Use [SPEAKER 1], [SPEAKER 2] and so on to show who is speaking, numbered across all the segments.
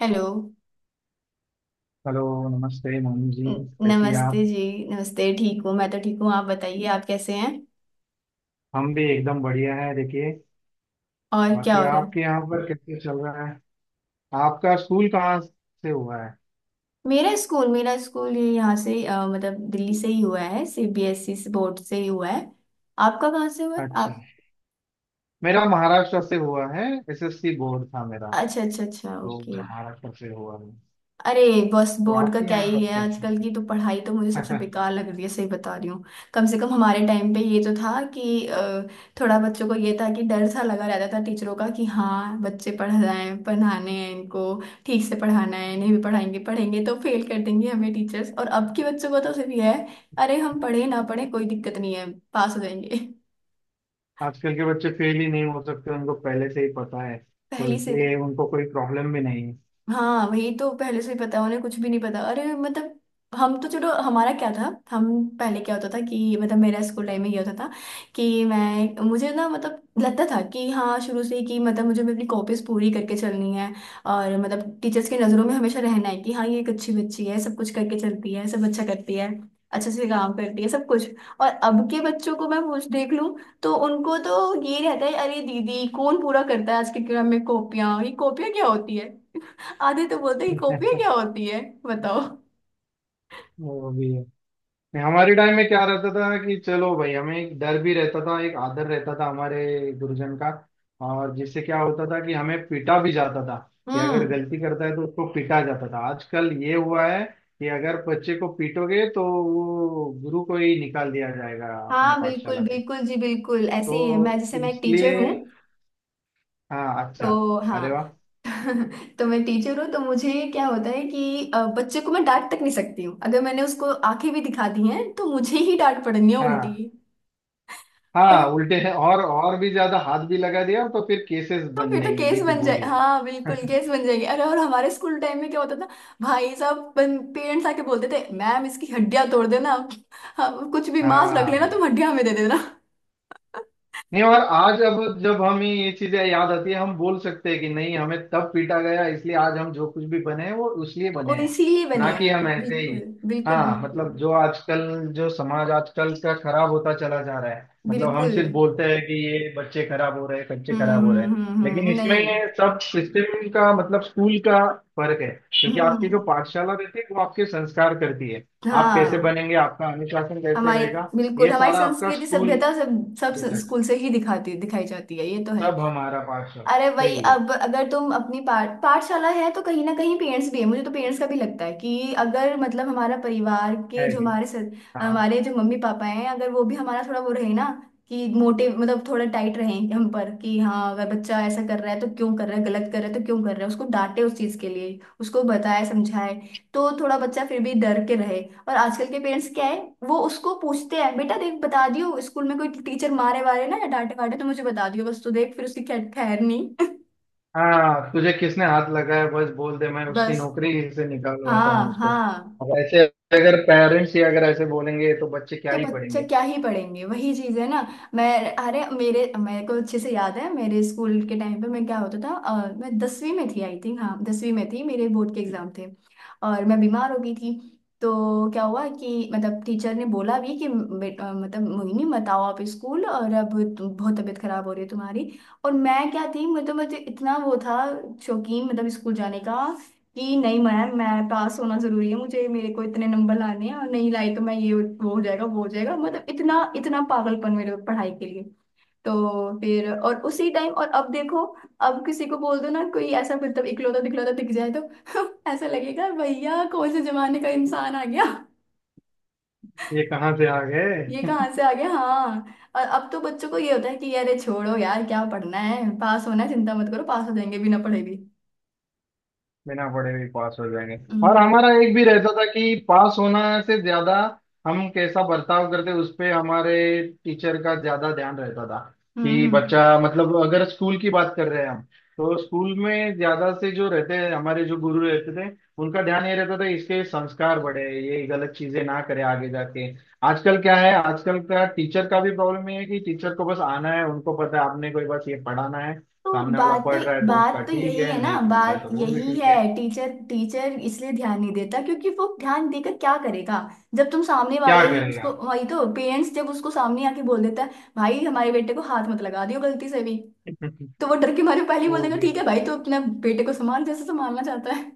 [SPEAKER 1] Hello.
[SPEAKER 2] Hello. नमस्ते मोहन जी,
[SPEAKER 1] न-
[SPEAKER 2] कैसी हैं
[SPEAKER 1] नमस्ते
[SPEAKER 2] आप।
[SPEAKER 1] जी। नमस्ते, ठीक हूँ। मैं तो ठीक हूँ, आप बताइए आप कैसे हैं?
[SPEAKER 2] हम भी एकदम बढ़िया हैं। देखिए,
[SPEAKER 1] और क्या
[SPEAKER 2] बाकी
[SPEAKER 1] हो रहा है?
[SPEAKER 2] आपके यहाँ पर कैसे चल रहा है। आपका स्कूल कहाँ से हुआ है।
[SPEAKER 1] मेरा स्कूल ये यहाँ से मतलब दिल्ली से ही हुआ है, सीबीएसई बोर्ड से ही हुआ है। आपका कहाँ से हुआ है
[SPEAKER 2] अच्छा,
[SPEAKER 1] आप?
[SPEAKER 2] मेरा महाराष्ट्र से हुआ है। एसएससी बोर्ड था मेरा।
[SPEAKER 1] अच्छा अच्छा अच्छा,
[SPEAKER 2] तो
[SPEAKER 1] ओके।
[SPEAKER 2] महाराष्ट्र से हुआ है।
[SPEAKER 1] अरे बस,
[SPEAKER 2] तो
[SPEAKER 1] बोर्ड का
[SPEAKER 2] आपके
[SPEAKER 1] क्या
[SPEAKER 2] यहाँ
[SPEAKER 1] ही
[SPEAKER 2] पर
[SPEAKER 1] है,
[SPEAKER 2] कैसे।
[SPEAKER 1] आजकल की तो पढ़ाई तो मुझे सबसे बेकार लग रही है, सही बता रही हूँ। कम से कम हमारे टाइम पे ये तो था कि थोड़ा बच्चों को ये था कि डर सा लगा रहता था टीचरों का, कि हाँ बच्चे पढ़ रहे हैं, पढ़ाने हैं इनको, ठीक से पढ़ाना है। नहीं भी पढ़ाएंगे पढ़ेंगे तो फेल कर देंगे हमें टीचर्स। और अब के बच्चों का तो सिर्फ ये है, अरे हम पढ़े ना पढ़े कोई दिक्कत नहीं है, पास हो जाएंगे।
[SPEAKER 2] आजकल के बच्चे फेल ही नहीं हो सकते, उनको पहले से ही पता है। तो
[SPEAKER 1] पहली से।
[SPEAKER 2] इसलिए उनको कोई प्रॉब्लम भी नहीं
[SPEAKER 1] हाँ वही तो, पहले से ही पता, उन्हें कुछ भी नहीं पता। अरे मतलब हम तो, चलो हमारा क्या था। हम, पहले क्या होता था कि, मतलब मेरा स्कूल टाइम में ये होता था कि मैं मुझे ना, मतलब लगता था कि हाँ शुरू से ही कि मतलब मुझे अपनी कॉपीज पूरी करके चलनी है, और मतलब टीचर्स की नज़रों में हमेशा रहना है कि हाँ ये एक अच्छी बच्ची है, सब कुछ करके चलती है, सब अच्छा करती है, अच्छे से काम करती है, सब कुछ। और अब के बच्चों को मैं पूछ देख लूँ तो उनको तो ये रहता है, अरे दीदी कौन पूरा करता है आज के क्रम में कॉपियाँ, ये कॉपियाँ क्या होती है। आधे तो बोलते हैं
[SPEAKER 2] है।
[SPEAKER 1] कॉपियाँ क्या होती है बताओ।
[SPEAKER 2] वो भी नहीं। हमारे टाइम में क्या रहता था कि चलो भाई, हमें एक डर भी रहता था, एक आदर रहता था हमारे गुरुजन का। और जिससे क्या होता था कि हमें पीटा भी जाता था। कि अगर
[SPEAKER 1] हम्म।
[SPEAKER 2] गलती करता है तो उसको पीटा जाता था। आजकल ये हुआ है कि अगर बच्चे को पीटोगे तो वो गुरु को ही निकाल दिया जाएगा अपने
[SPEAKER 1] हाँ बिल्कुल
[SPEAKER 2] पाठशाला से।
[SPEAKER 1] बिल्कुल जी, बिल्कुल ऐसे ही है। मैं,
[SPEAKER 2] तो
[SPEAKER 1] जैसे मैं एक टीचर
[SPEAKER 2] इसलिए
[SPEAKER 1] हूँ,
[SPEAKER 2] हाँ, अच्छा।
[SPEAKER 1] तो
[SPEAKER 2] अरे
[SPEAKER 1] हाँ।
[SPEAKER 2] वाह।
[SPEAKER 1] तो मैं टीचर हूँ, तो मुझे क्या होता है कि बच्चे को मैं डांट तक नहीं सकती हूँ, अगर मैंने उसको आंखें भी दिखा दी हैं तो मुझे ही डांट पड़नी है उल्टी।
[SPEAKER 2] हाँ
[SPEAKER 1] और,
[SPEAKER 2] हाँ, उल्टे हैं। और भी ज्यादा हाथ भी लगा दिया तो फिर केसेस
[SPEAKER 1] तो
[SPEAKER 2] बन
[SPEAKER 1] फिर तो
[SPEAKER 2] देंगे।
[SPEAKER 1] केस
[SPEAKER 2] देखिए,
[SPEAKER 1] बन जाए,
[SPEAKER 2] बोलिए।
[SPEAKER 1] हाँ बिल्कुल केस बन जाएगी। अरे और हमारे स्कूल टाइम में क्या होता था, भाई साहब पेरेंट्स आके बोलते थे मैम इसकी हड्डियां तोड़ देना। हाँ, कुछ भी, मांस रख लेना तुम,
[SPEAKER 2] हाँ।
[SPEAKER 1] हड्डियां हमें दे देना।
[SPEAKER 2] नहीं, और आज अब जब हमें ये चीजें याद आती है, हम बोल सकते हैं कि नहीं, हमें तब पीटा गया इसलिए आज हम जो कुछ भी बने हैं वो उसलिए बने
[SPEAKER 1] और
[SPEAKER 2] हैं।
[SPEAKER 1] इसीलिए बने
[SPEAKER 2] ना कि
[SPEAKER 1] हैं,
[SPEAKER 2] हम ऐसे
[SPEAKER 1] बिल्कुल।
[SPEAKER 2] ही।
[SPEAKER 1] बिल्कुल
[SPEAKER 2] हाँ
[SPEAKER 1] बिल्कुल
[SPEAKER 2] मतलब, जो आजकल, जो समाज आजकल का खराब होता चला जा रहा है, मतलब हम
[SPEAKER 1] बिल्कुल।
[SPEAKER 2] सिर्फ बोलते हैं कि ये बच्चे खराब हो रहे हैं, बच्चे खराब हो रहे हैं। लेकिन इसमें
[SPEAKER 1] नहीं।
[SPEAKER 2] सब सिस्टम का मतलब स्कूल का फर्क है। क्योंकि आपकी
[SPEAKER 1] हम्म।
[SPEAKER 2] जो पाठशाला रहती है वो आपके संस्कार करती है। आप कैसे
[SPEAKER 1] हाँ
[SPEAKER 2] बनेंगे, आपका अनुशासन कैसे
[SPEAKER 1] हमारी,
[SPEAKER 2] रहेगा,
[SPEAKER 1] बिल्कुल
[SPEAKER 2] ये
[SPEAKER 1] हमारी
[SPEAKER 2] सारा आपका
[SPEAKER 1] संस्कृति
[SPEAKER 2] स्कूल
[SPEAKER 1] सभ्यता सब, सब
[SPEAKER 2] देखेगा।
[SPEAKER 1] स्कूल से ही दिखाती दिखाई जाती है, ये तो है।
[SPEAKER 2] सब हमारा पार्षद।
[SPEAKER 1] अरे वही,
[SPEAKER 2] सही है
[SPEAKER 1] अब अगर तुम अपनी पाठशाला है तो कहीं ना कहीं पेरेंट्स भी है। मुझे तो पेरेंट्स का भी लगता है कि अगर मतलब हमारा परिवार के
[SPEAKER 2] है
[SPEAKER 1] जो
[SPEAKER 2] ये।
[SPEAKER 1] हमारे
[SPEAKER 2] हाँ।
[SPEAKER 1] हमारे जो मम्मी पापा हैं, अगर वो भी हमारा थोड़ा वो रहे ना, कि मोटे मतलब थोड़ा टाइट रहे हम पर, कि हाँ अगर बच्चा ऐसा कर रहा है तो क्यों कर रहा है, गलत कर रहा है तो क्यों कर रहा है, उसको डांटे उस चीज के लिए, उसको बताए समझाए, तो थोड़ा बच्चा फिर भी डर के रहे। और आजकल के पेरेंट्स क्या है, वो उसको पूछते हैं बेटा देख बता दियो स्कूल में कोई टीचर मारे वारे ना या डांटे वाटे तो मुझे बता दियो, बस तू देख फिर उसकी खैर खैर नहीं।
[SPEAKER 2] हाँ तुझे किसने हाथ लगाया, बस बोल दे, मैं उसकी
[SPEAKER 1] बस।
[SPEAKER 2] नौकरी से निकालवाता
[SPEAKER 1] हाँ
[SPEAKER 2] हूँ उसको।
[SPEAKER 1] हाँ।
[SPEAKER 2] अब ऐसे अगर पेरेंट्स ही अगर ऐसे बोलेंगे तो बच्चे क्या
[SPEAKER 1] तो
[SPEAKER 2] ही
[SPEAKER 1] बच्चे
[SPEAKER 2] पढ़ेंगे।
[SPEAKER 1] क्या ही पढ़ेंगे, वही चीज है ना। मैं, अरे मेरे मेरे को अच्छे से याद है, मेरे स्कूल के टाइम पे मैं, क्या होता था मैं दसवीं में थी आई थिंक, हाँ 10वीं में थी, मेरे बोर्ड के एग्जाम थे और मैं बीमार हो गई थी। तो क्या हुआ कि, मतलब टीचर ने बोला भी कि मतलब मोहिनी मत आओ आप स्कूल, और अब बहुत तबीयत खराब हो रही है तुम्हारी। और मैं क्या थी, मतलब मुझे इतना वो था, शौकीन मतलब स्कूल जाने का, कि नहीं मैम मैं पास होना जरूरी है, मुझे मेरे को इतने नंबर लाने हैं और नहीं लाई तो मैं ये, वो हो जाएगा, वो हो जाएगा, मतलब इतना इतना पागलपन मेरे पढ़ाई के लिए। तो फिर और उसी टाइम, और अब देखो, अब किसी को बोल दो ना कोई ऐसा मतलब इकलौता दिखलौता दिख जाए तो ऐसा लगेगा भैया कौन से जमाने का इंसान आ गया,
[SPEAKER 2] ये कहाँ से आ
[SPEAKER 1] ये
[SPEAKER 2] गए।
[SPEAKER 1] कहाँ से आ गया, हाँ। और अब तो बच्चों को ये होता है कि अरे छोड़ो यार क्या पढ़ना है, पास होना है, चिंता मत करो पास हो जाएंगे बिना पढ़े भी।
[SPEAKER 2] बिना पढ़े भी पास हो जाएंगे। और
[SPEAKER 1] हम्म
[SPEAKER 2] हमारा एक भी रहता था कि पास होना से ज्यादा हम कैसा बर्ताव करते, उस पे हमारे टीचर का ज्यादा ध्यान रहता था।
[SPEAKER 1] हम्म
[SPEAKER 2] कि
[SPEAKER 1] हम्म।
[SPEAKER 2] बच्चा मतलब अगर स्कूल की बात कर रहे हैं हम, तो स्कूल में ज्यादा से जो रहते हैं, हमारे जो गुरु रहते थे, उनका ध्यान ये रहता था इसके संस्कार बढ़े, ये गलत चीजें ना करे आगे जाके। आजकल क्या है, आजकल का टीचर का भी प्रॉब्लम ये है कि टीचर को बस आना है, उनको पता है आपने कोई बस ये पढ़ाना है,
[SPEAKER 1] तो
[SPEAKER 2] सामने वाला
[SPEAKER 1] बात,
[SPEAKER 2] पढ़ रहा है तो उसका ठीक
[SPEAKER 1] यही
[SPEAKER 2] है,
[SPEAKER 1] है ना,
[SPEAKER 2] नहीं पढ़ रहा है
[SPEAKER 1] बात
[SPEAKER 2] तो वो भी
[SPEAKER 1] यही
[SPEAKER 2] ठीक
[SPEAKER 1] है,
[SPEAKER 2] है।
[SPEAKER 1] टीचर टीचर इसलिए ध्यान नहीं देता क्योंकि वो ध्यान देकर क्या करेगा। जब तुम सामने
[SPEAKER 2] क्या
[SPEAKER 1] वाले ही
[SPEAKER 2] करेगा।
[SPEAKER 1] उसको, वही तो पेरेंट्स जब उसको सामने आके बोल देता है भाई हमारे बेटे को हाथ मत लगा दियो गलती से भी, तो वो डर के मारे पहले ही बोल
[SPEAKER 2] वो
[SPEAKER 1] देगा
[SPEAKER 2] भी।
[SPEAKER 1] ठीक है भाई तो अपने बेटे को संभाल, जैसे संभालना चाहता है।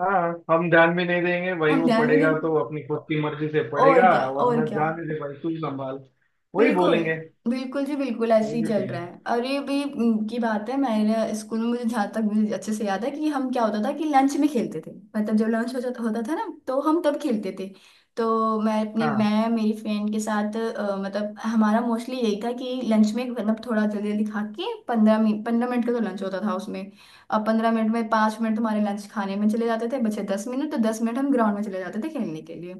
[SPEAKER 2] हाँ हम ध्यान भी नहीं देंगे भाई,
[SPEAKER 1] हम
[SPEAKER 2] वो
[SPEAKER 1] ध्यान भी
[SPEAKER 2] पढ़ेगा
[SPEAKER 1] नहीं।
[SPEAKER 2] तो अपनी खुद की मर्जी से
[SPEAKER 1] और
[SPEAKER 2] पढ़ेगा।
[SPEAKER 1] क्या, और
[SPEAKER 2] वरना
[SPEAKER 1] क्या।
[SPEAKER 2] जाने दे भाई, तू संभाल। वही
[SPEAKER 1] बिल्कुल
[SPEAKER 2] बोलेंगे।
[SPEAKER 1] बिल्कुल जी, बिल्कुल
[SPEAKER 2] वही
[SPEAKER 1] ऐसे ही
[SPEAKER 2] भी
[SPEAKER 1] चल
[SPEAKER 2] सही।
[SPEAKER 1] रहा है। अरे भी की बात है, मैंने स्कूल में, मुझे जहाँ तक मुझे अच्छे से याद है कि हम, क्या होता था कि लंच में खेलते थे। मतलब जब लंच हो जाता होता था ना तो हम तब खेलते थे। तो मैं अपनी,
[SPEAKER 2] हाँ
[SPEAKER 1] मैं मेरी फ्रेंड के साथ मतलब हमारा मोस्टली यही था कि लंच में मतलब थोड़ा जल्दी जल्दी खा के, 15 मिनट, 15 मिनट का तो लंच होता था उसमें। अब 15 मिनट में 5 मिनट हमारे लंच खाने में चले जाते थे, बचे 10 मिनट, तो 10 मिनट हम ग्राउंड में चले जाते थे खेलने के लिए।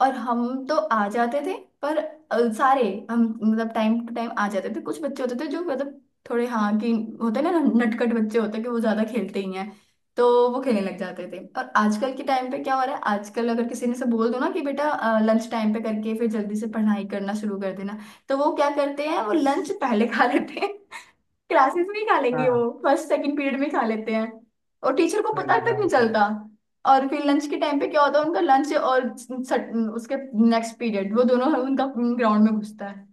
[SPEAKER 1] और हम तो आ जाते थे, पर सारे, हम मतलब टाइम टू टाइम आ जाते थे, कुछ बच्चे होते थे जो मतलब थोड़े, हाँ कि, होते ना नटखट बच्चे होते हैं कि वो ज्यादा खेलते ही हैं, तो वो खेलने लग जाते थे। और आजकल के टाइम पे क्या हो रहा है, आजकल अगर किसी ने से बोल दो ना कि बेटा लंच टाइम पे करके फिर जल्दी से पढ़ाई करना शुरू कर देना, तो वो क्या करते हैं वो लंच पहले खा लेते हैं, क्लासेस में ही खा लेंगे, वो
[SPEAKER 2] हाँ।
[SPEAKER 1] फर्स्ट सेकंड पीरियड में खा लेते हैं और टीचर को पता
[SPEAKER 2] पहले
[SPEAKER 1] तक
[SPEAKER 2] का।
[SPEAKER 1] नहीं चलता। और फिर लंच के टाइम पे क्या होता है, उनका लंच और उसके नेक्स्ट पीरियड वो दोनों उनका ग्राउंड में घुसता है।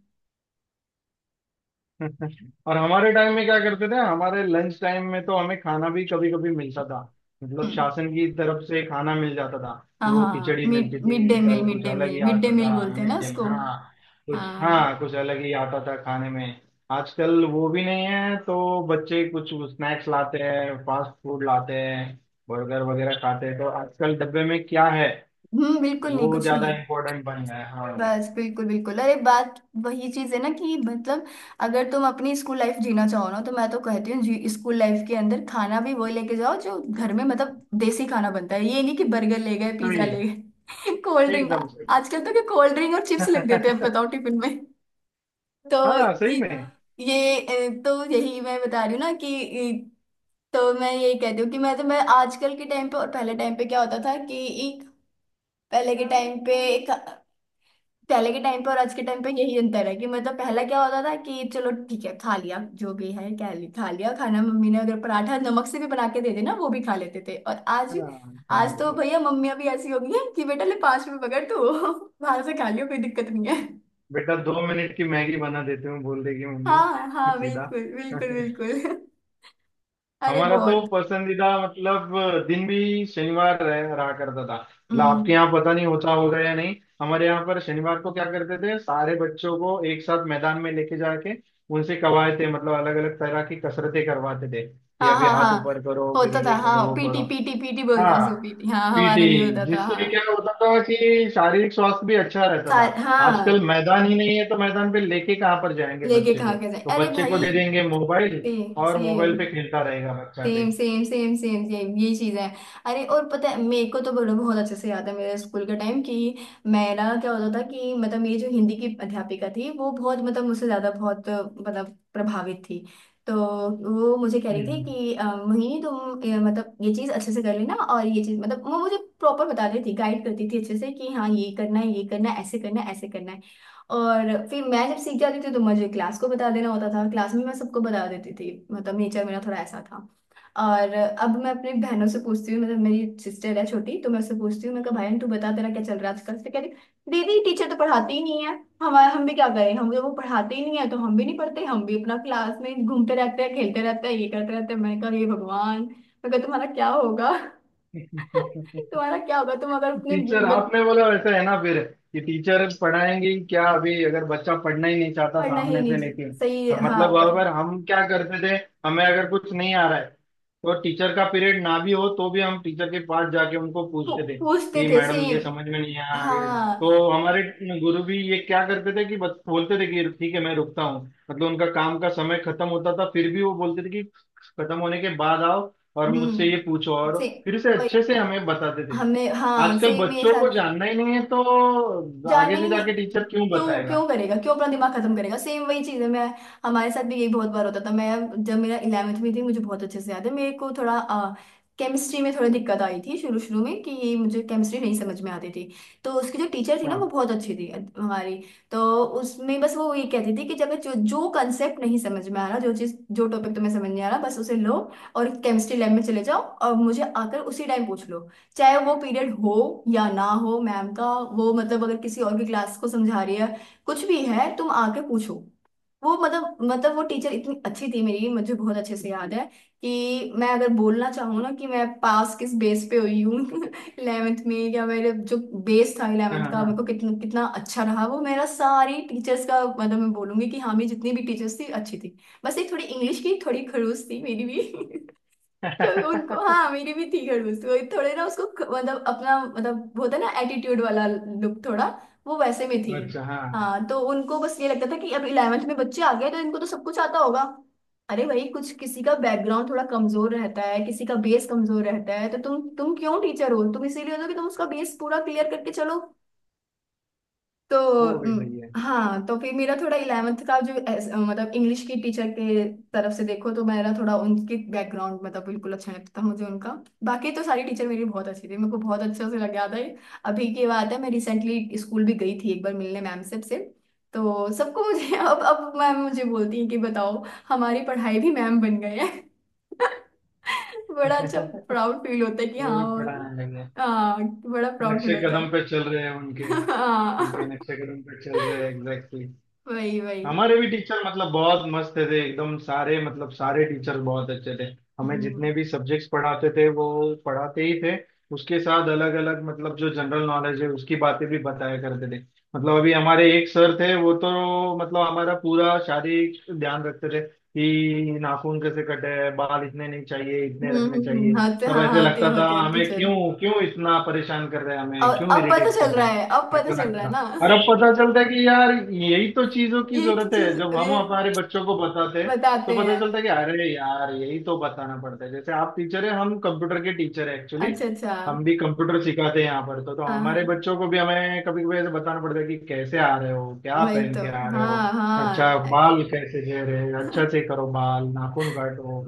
[SPEAKER 2] और हमारे टाइम में क्या करते थे, हमारे लंच टाइम में तो हमें खाना भी कभी कभी मिलता था। मतलब
[SPEAKER 1] हम्म,
[SPEAKER 2] शासन की तरफ से खाना मिल जाता था।
[SPEAKER 1] हाँ
[SPEAKER 2] वो
[SPEAKER 1] हाँ,
[SPEAKER 2] खिचड़ी
[SPEAKER 1] मिड
[SPEAKER 2] मिलती
[SPEAKER 1] मिड
[SPEAKER 2] थी,
[SPEAKER 1] डे मील,
[SPEAKER 2] कल
[SPEAKER 1] मिड
[SPEAKER 2] कुछ
[SPEAKER 1] डे
[SPEAKER 2] अलग
[SPEAKER 1] मील,
[SPEAKER 2] ही
[SPEAKER 1] मिड डे
[SPEAKER 2] आता
[SPEAKER 1] मील
[SPEAKER 2] था
[SPEAKER 1] बोलते हैं ना
[SPEAKER 2] मीठे में।
[SPEAKER 1] उसको।
[SPEAKER 2] हाँ कुछ,
[SPEAKER 1] हाँ।
[SPEAKER 2] हाँ कुछ अलग ही आता था खाने में। आजकल वो भी नहीं है तो बच्चे कुछ स्नैक्स लाते हैं, फास्ट फूड लाते हैं, बर्गर वगैरह खाते हैं। तो आजकल डब्बे में क्या है,
[SPEAKER 1] हम्म। बिल्कुल, नहीं
[SPEAKER 2] वो
[SPEAKER 1] कुछ नहीं
[SPEAKER 2] ज्यादा
[SPEAKER 1] है।
[SPEAKER 2] इम्पोर्टेंट बन गया है। हाँ
[SPEAKER 1] बस बिल्कुल बिल्कुल, अरे बात वही चीज है ना, कि मतलब अगर तुम अपनी स्कूल लाइफ जीना चाहो ना तो मैं तो कहती हूँ जी स्कूल लाइफ के अंदर खाना भी वही लेके जाओ जो घर में मतलब देसी खाना बनता है। ये नहीं कि बर्गर ले गए पिज्जा
[SPEAKER 2] सही है,
[SPEAKER 1] ले गए कोल्ड ड्रिंक।
[SPEAKER 2] एकदम सही।
[SPEAKER 1] आजकल तो क्या कोल्ड ड्रिंक और चिप्स लग देते हैं बताओ टिफिन में। तो
[SPEAKER 2] हाँ सही
[SPEAKER 1] ये,
[SPEAKER 2] में।
[SPEAKER 1] तो यही मैं बता रही हूँ ना कि अ, तो मैं यही कहती हूँ कि, मैं तो, मैं आजकल के टाइम पे और पहले टाइम पे, क्या होता था कि पहले के टाइम पे एक पहले के टाइम पे और आज के टाइम पे यही अंतर है कि मतलब पहला क्या होता था कि चलो ठीक है खा लिया जो भी है, खा लिया खाना, मम्मी ने अगर पराठा नमक से भी बना के दे देना वो भी खा लेते थे। और आज,
[SPEAKER 2] हाँ कहाँ
[SPEAKER 1] आज तो
[SPEAKER 2] भी।
[SPEAKER 1] भैया मम्मियां भी ऐसी हो गई हैं कि बेटा ले 5 रुपए पकड़ तू बाहर से खा लियो कोई दिक्कत नहीं है।
[SPEAKER 2] बेटा दो मिनट की मैगी बना देते हूँ बोल देगी मम्मी।
[SPEAKER 1] हाँ हाँ,
[SPEAKER 2] सीधा।
[SPEAKER 1] बिल्कुल बिल्कुल बिल्कुल। अरे
[SPEAKER 2] हमारा तो
[SPEAKER 1] बहुत।
[SPEAKER 2] पसंदीदा मतलब दिन भी शनिवार रह रहा करता था। मतलब
[SPEAKER 1] हम्म।
[SPEAKER 2] आपके यहाँ पता नहीं होता होगा या नहीं। हमारे यहाँ पर शनिवार को क्या करते थे, सारे बच्चों को एक साथ मैदान में लेके जाके उनसे कवायते मतलब अलग अलग तरह की कसरतें करवाते थे। कि
[SPEAKER 1] हाँ
[SPEAKER 2] अभी
[SPEAKER 1] हाँ
[SPEAKER 2] हाथ
[SPEAKER 1] हाँ,
[SPEAKER 2] ऊपर करो, फिर
[SPEAKER 1] होता था
[SPEAKER 2] ये करो
[SPEAKER 1] हाँ,
[SPEAKER 2] वो
[SPEAKER 1] पीटी
[SPEAKER 2] करो।
[SPEAKER 1] पीटी पीटी बोलते हैं
[SPEAKER 2] हाँ
[SPEAKER 1] उसको, पीटी, हाँ
[SPEAKER 2] पीटी।
[SPEAKER 1] हमारे भी होता था
[SPEAKER 2] जिससे
[SPEAKER 1] हाँ।
[SPEAKER 2] क्या होता था कि शारीरिक स्वास्थ्य भी अच्छा रहता था।
[SPEAKER 1] सार हाँ,
[SPEAKER 2] आजकल मैदान ही नहीं है तो मैदान पे लेके कहाँ पर जाएंगे
[SPEAKER 1] लेके
[SPEAKER 2] बच्चे
[SPEAKER 1] खा
[SPEAKER 2] को।
[SPEAKER 1] के जाए,
[SPEAKER 2] तो
[SPEAKER 1] अरे
[SPEAKER 2] बच्चे को
[SPEAKER 1] भाई।
[SPEAKER 2] दे देंगे मोबाइल,
[SPEAKER 1] सेम
[SPEAKER 2] और
[SPEAKER 1] सेम।
[SPEAKER 2] मोबाइल पे खेलता रहेगा बच्चा पे।
[SPEAKER 1] Same same same same same, ये चीजें हैं। अरे और पता है, मेरे को तो बोलो बहुत अच्छे से याद है मेरे स्कूल का टाइम, कि मेरा क्या होता था कि मतलब मेरी जो हिंदी की अध्यापिका थी वो बहुत मतलब मुझसे ज्यादा बहुत मतलब प्रभावित थी। तो वो मुझे कह रही थी
[SPEAKER 2] हम्म।
[SPEAKER 1] कि मोहिनी तुम मतलब ये चीज अच्छे से कर लेना और ये चीज, मतलब वो मुझे प्रॉपर बता रही थी, गाइड करती थी अच्छे से, कि हाँ ये करना है, ये करना है, ऐसे करना है, ऐसे करना है। और फिर मैं जब सीख जाती थी तो मुझे क्लास को बता देना होता था, क्लास में मैं सबको बता देती थी, मतलब नेचर मेरा थोड़ा ऐसा था। और अब मैं अपनी बहनों से पूछती हूँ, मतलब मेरी सिस्टर है छोटी, तो मैं उससे पूछती हूँ, मैं कहा बहन तू बता तेरा क्या चल रहा है आजकल, तो कह रही दीदी टीचर तो पढ़ाते ही नहीं है, हमारे हम भी क्या करें, हम वो पढ़ाते ही नहीं है तो हम भी नहीं पढ़ते, हम भी अपना क्लास में घूमते रहते हैं खेलते रहते हैं ये करते रहते हैं। मैंने कहा ये भगवान, मैं कहा तुम्हारा क्या होगा, तुम्हारा क्या होगा, तुम अगर अपने
[SPEAKER 2] टीचर आपने बोला वैसे है ना फिर। कि टीचर पढ़ाएंगे ही क्या, अभी अगर बच्चा पढ़ना ही नहीं चाहता
[SPEAKER 1] पढ़ना ही
[SPEAKER 2] सामने
[SPEAKER 1] नहीं,
[SPEAKER 2] से। लेकिन
[SPEAKER 1] सही
[SPEAKER 2] हाँ,
[SPEAKER 1] हाँ
[SPEAKER 2] मतलब अगर हम क्या करते थे, हमें अगर कुछ नहीं आ रहा है तो टीचर का पीरियड ना भी हो तो भी हम टीचर के पास जाके उनको पूछते थे
[SPEAKER 1] पूछते
[SPEAKER 2] कि
[SPEAKER 1] थे
[SPEAKER 2] मैडम ये
[SPEAKER 1] सेम।
[SPEAKER 2] समझ में नहीं आया, ये-
[SPEAKER 1] हाँ।
[SPEAKER 2] तो हमारे गुरु भी ये क्या करते थे कि बस बोलते थे कि ठीक है, मैं रुकता हूँ। मतलब उनका काम का समय खत्म होता था, फिर भी वो बोलते थे कि खत्म होने के बाद आओ और मुझसे ये पूछो, और
[SPEAKER 1] से
[SPEAKER 2] फिर से
[SPEAKER 1] वही।
[SPEAKER 2] अच्छे से हमें बताते थे।
[SPEAKER 1] हमें हाँ
[SPEAKER 2] आजकल
[SPEAKER 1] सेम मेरे
[SPEAKER 2] बच्चों को
[SPEAKER 1] साथ।
[SPEAKER 2] जानना ही नहीं है तो
[SPEAKER 1] जानना
[SPEAKER 2] आगे
[SPEAKER 1] ही
[SPEAKER 2] से
[SPEAKER 1] नहीं।
[SPEAKER 2] जाके टीचर क्यों
[SPEAKER 1] क्यों
[SPEAKER 2] बताएगा।
[SPEAKER 1] क्यों करेगा क्यों अपना दिमाग खत्म करेगा। सेम वही चीज है। मैं हमारे साथ भी यही बहुत बार होता था। मैं जब मेरा इलेवेंथ में थी मुझे बहुत अच्छे से याद है। मेरे को थोड़ा केमिस्ट्री में थोड़ी दिक्कत आई थी शुरू शुरू में कि ये मुझे केमिस्ट्री नहीं समझ में आती थी। तो उसकी जो टीचर थी ना वो
[SPEAKER 2] हाँ
[SPEAKER 1] बहुत अच्छी थी हमारी। तो उसमें बस वो ये कहती थी कि जब जो जो कंसेप्ट नहीं समझ में आ रहा जो चीज जो टॉपिक तुम्हें समझ नहीं आ रहा बस उसे लो और केमिस्ट्री लैब में चले जाओ और मुझे आकर उसी टाइम पूछ लो। चाहे वो पीरियड हो या ना हो मैम का। वो मतलब अगर किसी और की क्लास को समझा रही है कुछ भी है तुम आके पूछो। वो मतलब वो टीचर इतनी अच्छी थी मेरी मुझे बहुत अच्छे से याद है कि मैं अगर बोलना चाहूँ ना कि मैं पास किस बेस पे हुई हूँ इलेवेंथ में या मेरे जो बेस था
[SPEAKER 2] हाँ
[SPEAKER 1] इलेवेंथ का मेरे को
[SPEAKER 2] हाँ।
[SPEAKER 1] कितना कितना अच्छा रहा वो मेरा सारी टीचर्स का मतलब मैं बोलूंगी कि हाँ मेरी जितनी भी टीचर्स थी अच्छी थी। बस एक थोड़ी इंग्लिश की थोड़ी खड़ूस थी मेरी भी क्योंकि उनको हाँ मेरी भी थी खड़ूस वही थोड़े ना उसको मतलब अपना मतलब वो होता है ना एटीट्यूड वाला लुक थोड़ा। वो वैसे में थी।
[SPEAKER 2] अच्छा हाँ।
[SPEAKER 1] हाँ तो उनको बस ये लगता था कि अब इलेवेंथ में बच्चे आ गए तो इनको तो सब कुछ आता होगा। अरे भाई कुछ किसी का बैकग्राउंड थोड़ा कमजोर रहता है किसी का बेस कमजोर रहता है तो तुम क्यों टीचर हो तुम इसीलिए हो ना कि तुम उसका बेस पूरा क्लियर करके चलो। तो
[SPEAKER 2] वो भी सही है।
[SPEAKER 1] हाँ। तो फिर मेरा थोड़ा इलेवेंथ का जो मतलब इंग्लिश की टीचर के तरफ से देखो तो मेरा थोड़ा उनके बैकग्राउंड मतलब बिल्कुल अच्छा नहीं लगता था मुझे उनका। बाकी तो सारी टीचर मेरी बहुत अच्छी थी मेरे को बहुत अच्छा से लग गया था ये। अभी की बात है मैं रिसेंटली स्कूल भी गई थी एक बार मिलने मैम से। तो सबको मुझे अब मैम मुझे बोलती है कि बताओ हमारी पढ़ाई भी मैम बन गए हैं बड़ा अच्छा प्राउड फील होता है कि
[SPEAKER 2] वो
[SPEAKER 1] हाँ।
[SPEAKER 2] भी
[SPEAKER 1] और
[SPEAKER 2] पढ़ाने लगे।
[SPEAKER 1] हाँ। बड़ा प्राउड फील
[SPEAKER 2] नक्शे
[SPEAKER 1] होता
[SPEAKER 2] कदम
[SPEAKER 1] है
[SPEAKER 2] पे चल रहे हैं उनके। उनके
[SPEAKER 1] हाँ
[SPEAKER 2] नक्शे कदम पे चल रहे हैं, एग्जैक्टली।
[SPEAKER 1] वही वही।
[SPEAKER 2] हमारे भी टीचर मतलब बहुत मस्त थे एकदम, सारे मतलब सारे टीचर बहुत अच्छे थे। हमें
[SPEAKER 1] हम्म
[SPEAKER 2] जितने भी सब्जेक्ट्स पढ़ाते थे वो पढ़ाते ही थे। उसके साथ अलग अलग मतलब जो जनरल नॉलेज है उसकी बातें भी बताया करते थे। मतलब अभी हमारे एक सर थे वो तो मतलब हमारा पूरा शारीरिक ध्यान रखते थे। कि नाखून कैसे कटे हैं, बाल इतने नहीं चाहिए, इतने रखने चाहिए।
[SPEAKER 1] होते
[SPEAKER 2] तब
[SPEAKER 1] हाँ
[SPEAKER 2] ऐसे लगता था
[SPEAKER 1] होते हैं
[SPEAKER 2] हमें
[SPEAKER 1] टीचर।
[SPEAKER 2] क्यों, क्यों इतना परेशान कर रहे हैं, हमें
[SPEAKER 1] और
[SPEAKER 2] क्यों
[SPEAKER 1] अब पता
[SPEAKER 2] इरिटेट कर
[SPEAKER 1] चल
[SPEAKER 2] रहे
[SPEAKER 1] रहा है अब
[SPEAKER 2] हैं,
[SPEAKER 1] पता
[SPEAKER 2] ऐसा
[SPEAKER 1] चल
[SPEAKER 2] लगता
[SPEAKER 1] रहा है
[SPEAKER 2] था।
[SPEAKER 1] ना
[SPEAKER 2] और अब पता चलता है कि यार यही तो चीजों की
[SPEAKER 1] ये तो
[SPEAKER 2] जरूरत है।
[SPEAKER 1] चीज
[SPEAKER 2] जब हम
[SPEAKER 1] ये
[SPEAKER 2] हमारे बच्चों को बताते हैं
[SPEAKER 1] बताते
[SPEAKER 2] तो पता
[SPEAKER 1] हैं।
[SPEAKER 2] चलता है कि अरे यार, यही तो बताना पड़ता है। जैसे आप टीचर है, हम कंप्यूटर के टीचर है एक्चुअली।
[SPEAKER 1] अच्छा अच्छा।
[SPEAKER 2] हम भी कंप्यूटर सिखाते हैं यहाँ पर। तो
[SPEAKER 1] हाँ
[SPEAKER 2] हमारे
[SPEAKER 1] हाँ
[SPEAKER 2] बच्चों को भी हमें कभी कभी ऐसे बताना पड़ता है कि कैसे आ रहे हो, क्या
[SPEAKER 1] वही
[SPEAKER 2] पहन
[SPEAKER 1] तो।
[SPEAKER 2] के आ रहे हो,
[SPEAKER 1] हाँ
[SPEAKER 2] अच्छा
[SPEAKER 1] हाँ
[SPEAKER 2] बाल कैसे घेर रहे हो, अच्छा से करो, बाल नाखून काटो।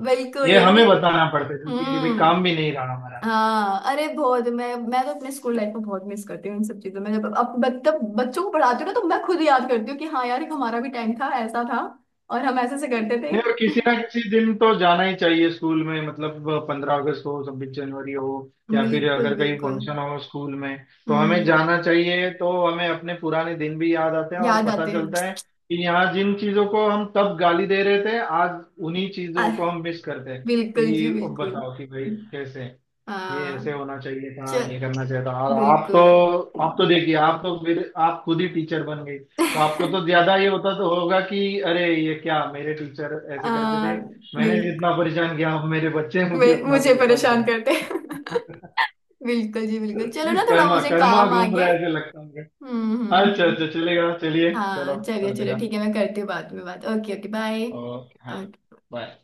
[SPEAKER 2] ये
[SPEAKER 1] बिल्कुल अरे।
[SPEAKER 2] हमें बताना पड़ता है क्योंकि ये भी
[SPEAKER 1] हम्म।
[SPEAKER 2] काम भी नहीं रहा हमारा।
[SPEAKER 1] हाँ अरे बहुत मैं तो अपने स्कूल लाइफ को बहुत मिस करती हूँ इन सब चीजों में जब अब मतलब बच्चों को पढ़ाती हूँ ना तो मैं खुद याद करती हूँ कि हाँ यार एक हमारा भी टाइम था ऐसा था और हम ऐसे से करते थे
[SPEAKER 2] नहीं और किसी ना किसी दिन तो जाना ही चाहिए स्कूल में, मतलब 15 अगस्त हो, 26 जनवरी हो, या फिर
[SPEAKER 1] बिल्कुल
[SPEAKER 2] अगर कहीं
[SPEAKER 1] बिल्कुल।
[SPEAKER 2] फंक्शन हो स्कूल में तो हमें
[SPEAKER 1] हम्म।
[SPEAKER 2] जाना चाहिए। तो हमें अपने पुराने दिन भी याद आते हैं और
[SPEAKER 1] याद
[SPEAKER 2] पता
[SPEAKER 1] आते हैं।
[SPEAKER 2] चलता है कि यहाँ जिन चीजों को हम तब गाली दे रहे थे आज उन्हीं
[SPEAKER 1] आ,
[SPEAKER 2] चीजों को हम मिस करते हैं।
[SPEAKER 1] बिल्कुल जी
[SPEAKER 2] कि अब
[SPEAKER 1] बिल्कुल।
[SPEAKER 2] बताओ कि भाई कैसे, ये
[SPEAKER 1] आ,
[SPEAKER 2] ऐसे होना चाहिए था,
[SPEAKER 1] चल
[SPEAKER 2] ये करना चाहिए था। और आप
[SPEAKER 1] बिल्कुल
[SPEAKER 2] तो, आप तो देखिए, आप तो मेरे, आप खुद ही टीचर बन गई तो आपको तो ज्यादा ये होता तो होगा कि अरे ये क्या, मेरे टीचर ऐसे करते
[SPEAKER 1] आ,
[SPEAKER 2] थे। मैंने
[SPEAKER 1] बिल्कुल
[SPEAKER 2] जितना परेशान किया अब मेरे बच्चे मुझे उतना
[SPEAKER 1] मुझे
[SPEAKER 2] परेशान
[SPEAKER 1] परेशान
[SPEAKER 2] करते।
[SPEAKER 1] करते हैं। बिल्कुल जी बिल्कुल। चलो ना थोड़ा
[SPEAKER 2] कर्मा
[SPEAKER 1] मुझे
[SPEAKER 2] कर्मा
[SPEAKER 1] काम आ
[SPEAKER 2] घूम
[SPEAKER 1] गया
[SPEAKER 2] रहा
[SPEAKER 1] है।
[SPEAKER 2] है ऐसे लगता है मुझे। अच्छा
[SPEAKER 1] हम्म।
[SPEAKER 2] अच्छा, चलेगा, चलिए, चलो।
[SPEAKER 1] हाँ चलिए चलो
[SPEAKER 2] अलविदा।
[SPEAKER 1] ठीक है मैं करती हूँ बाद में बात। ओके ओके
[SPEAKER 2] ओके हाँ।
[SPEAKER 1] बाय।
[SPEAKER 2] बाय।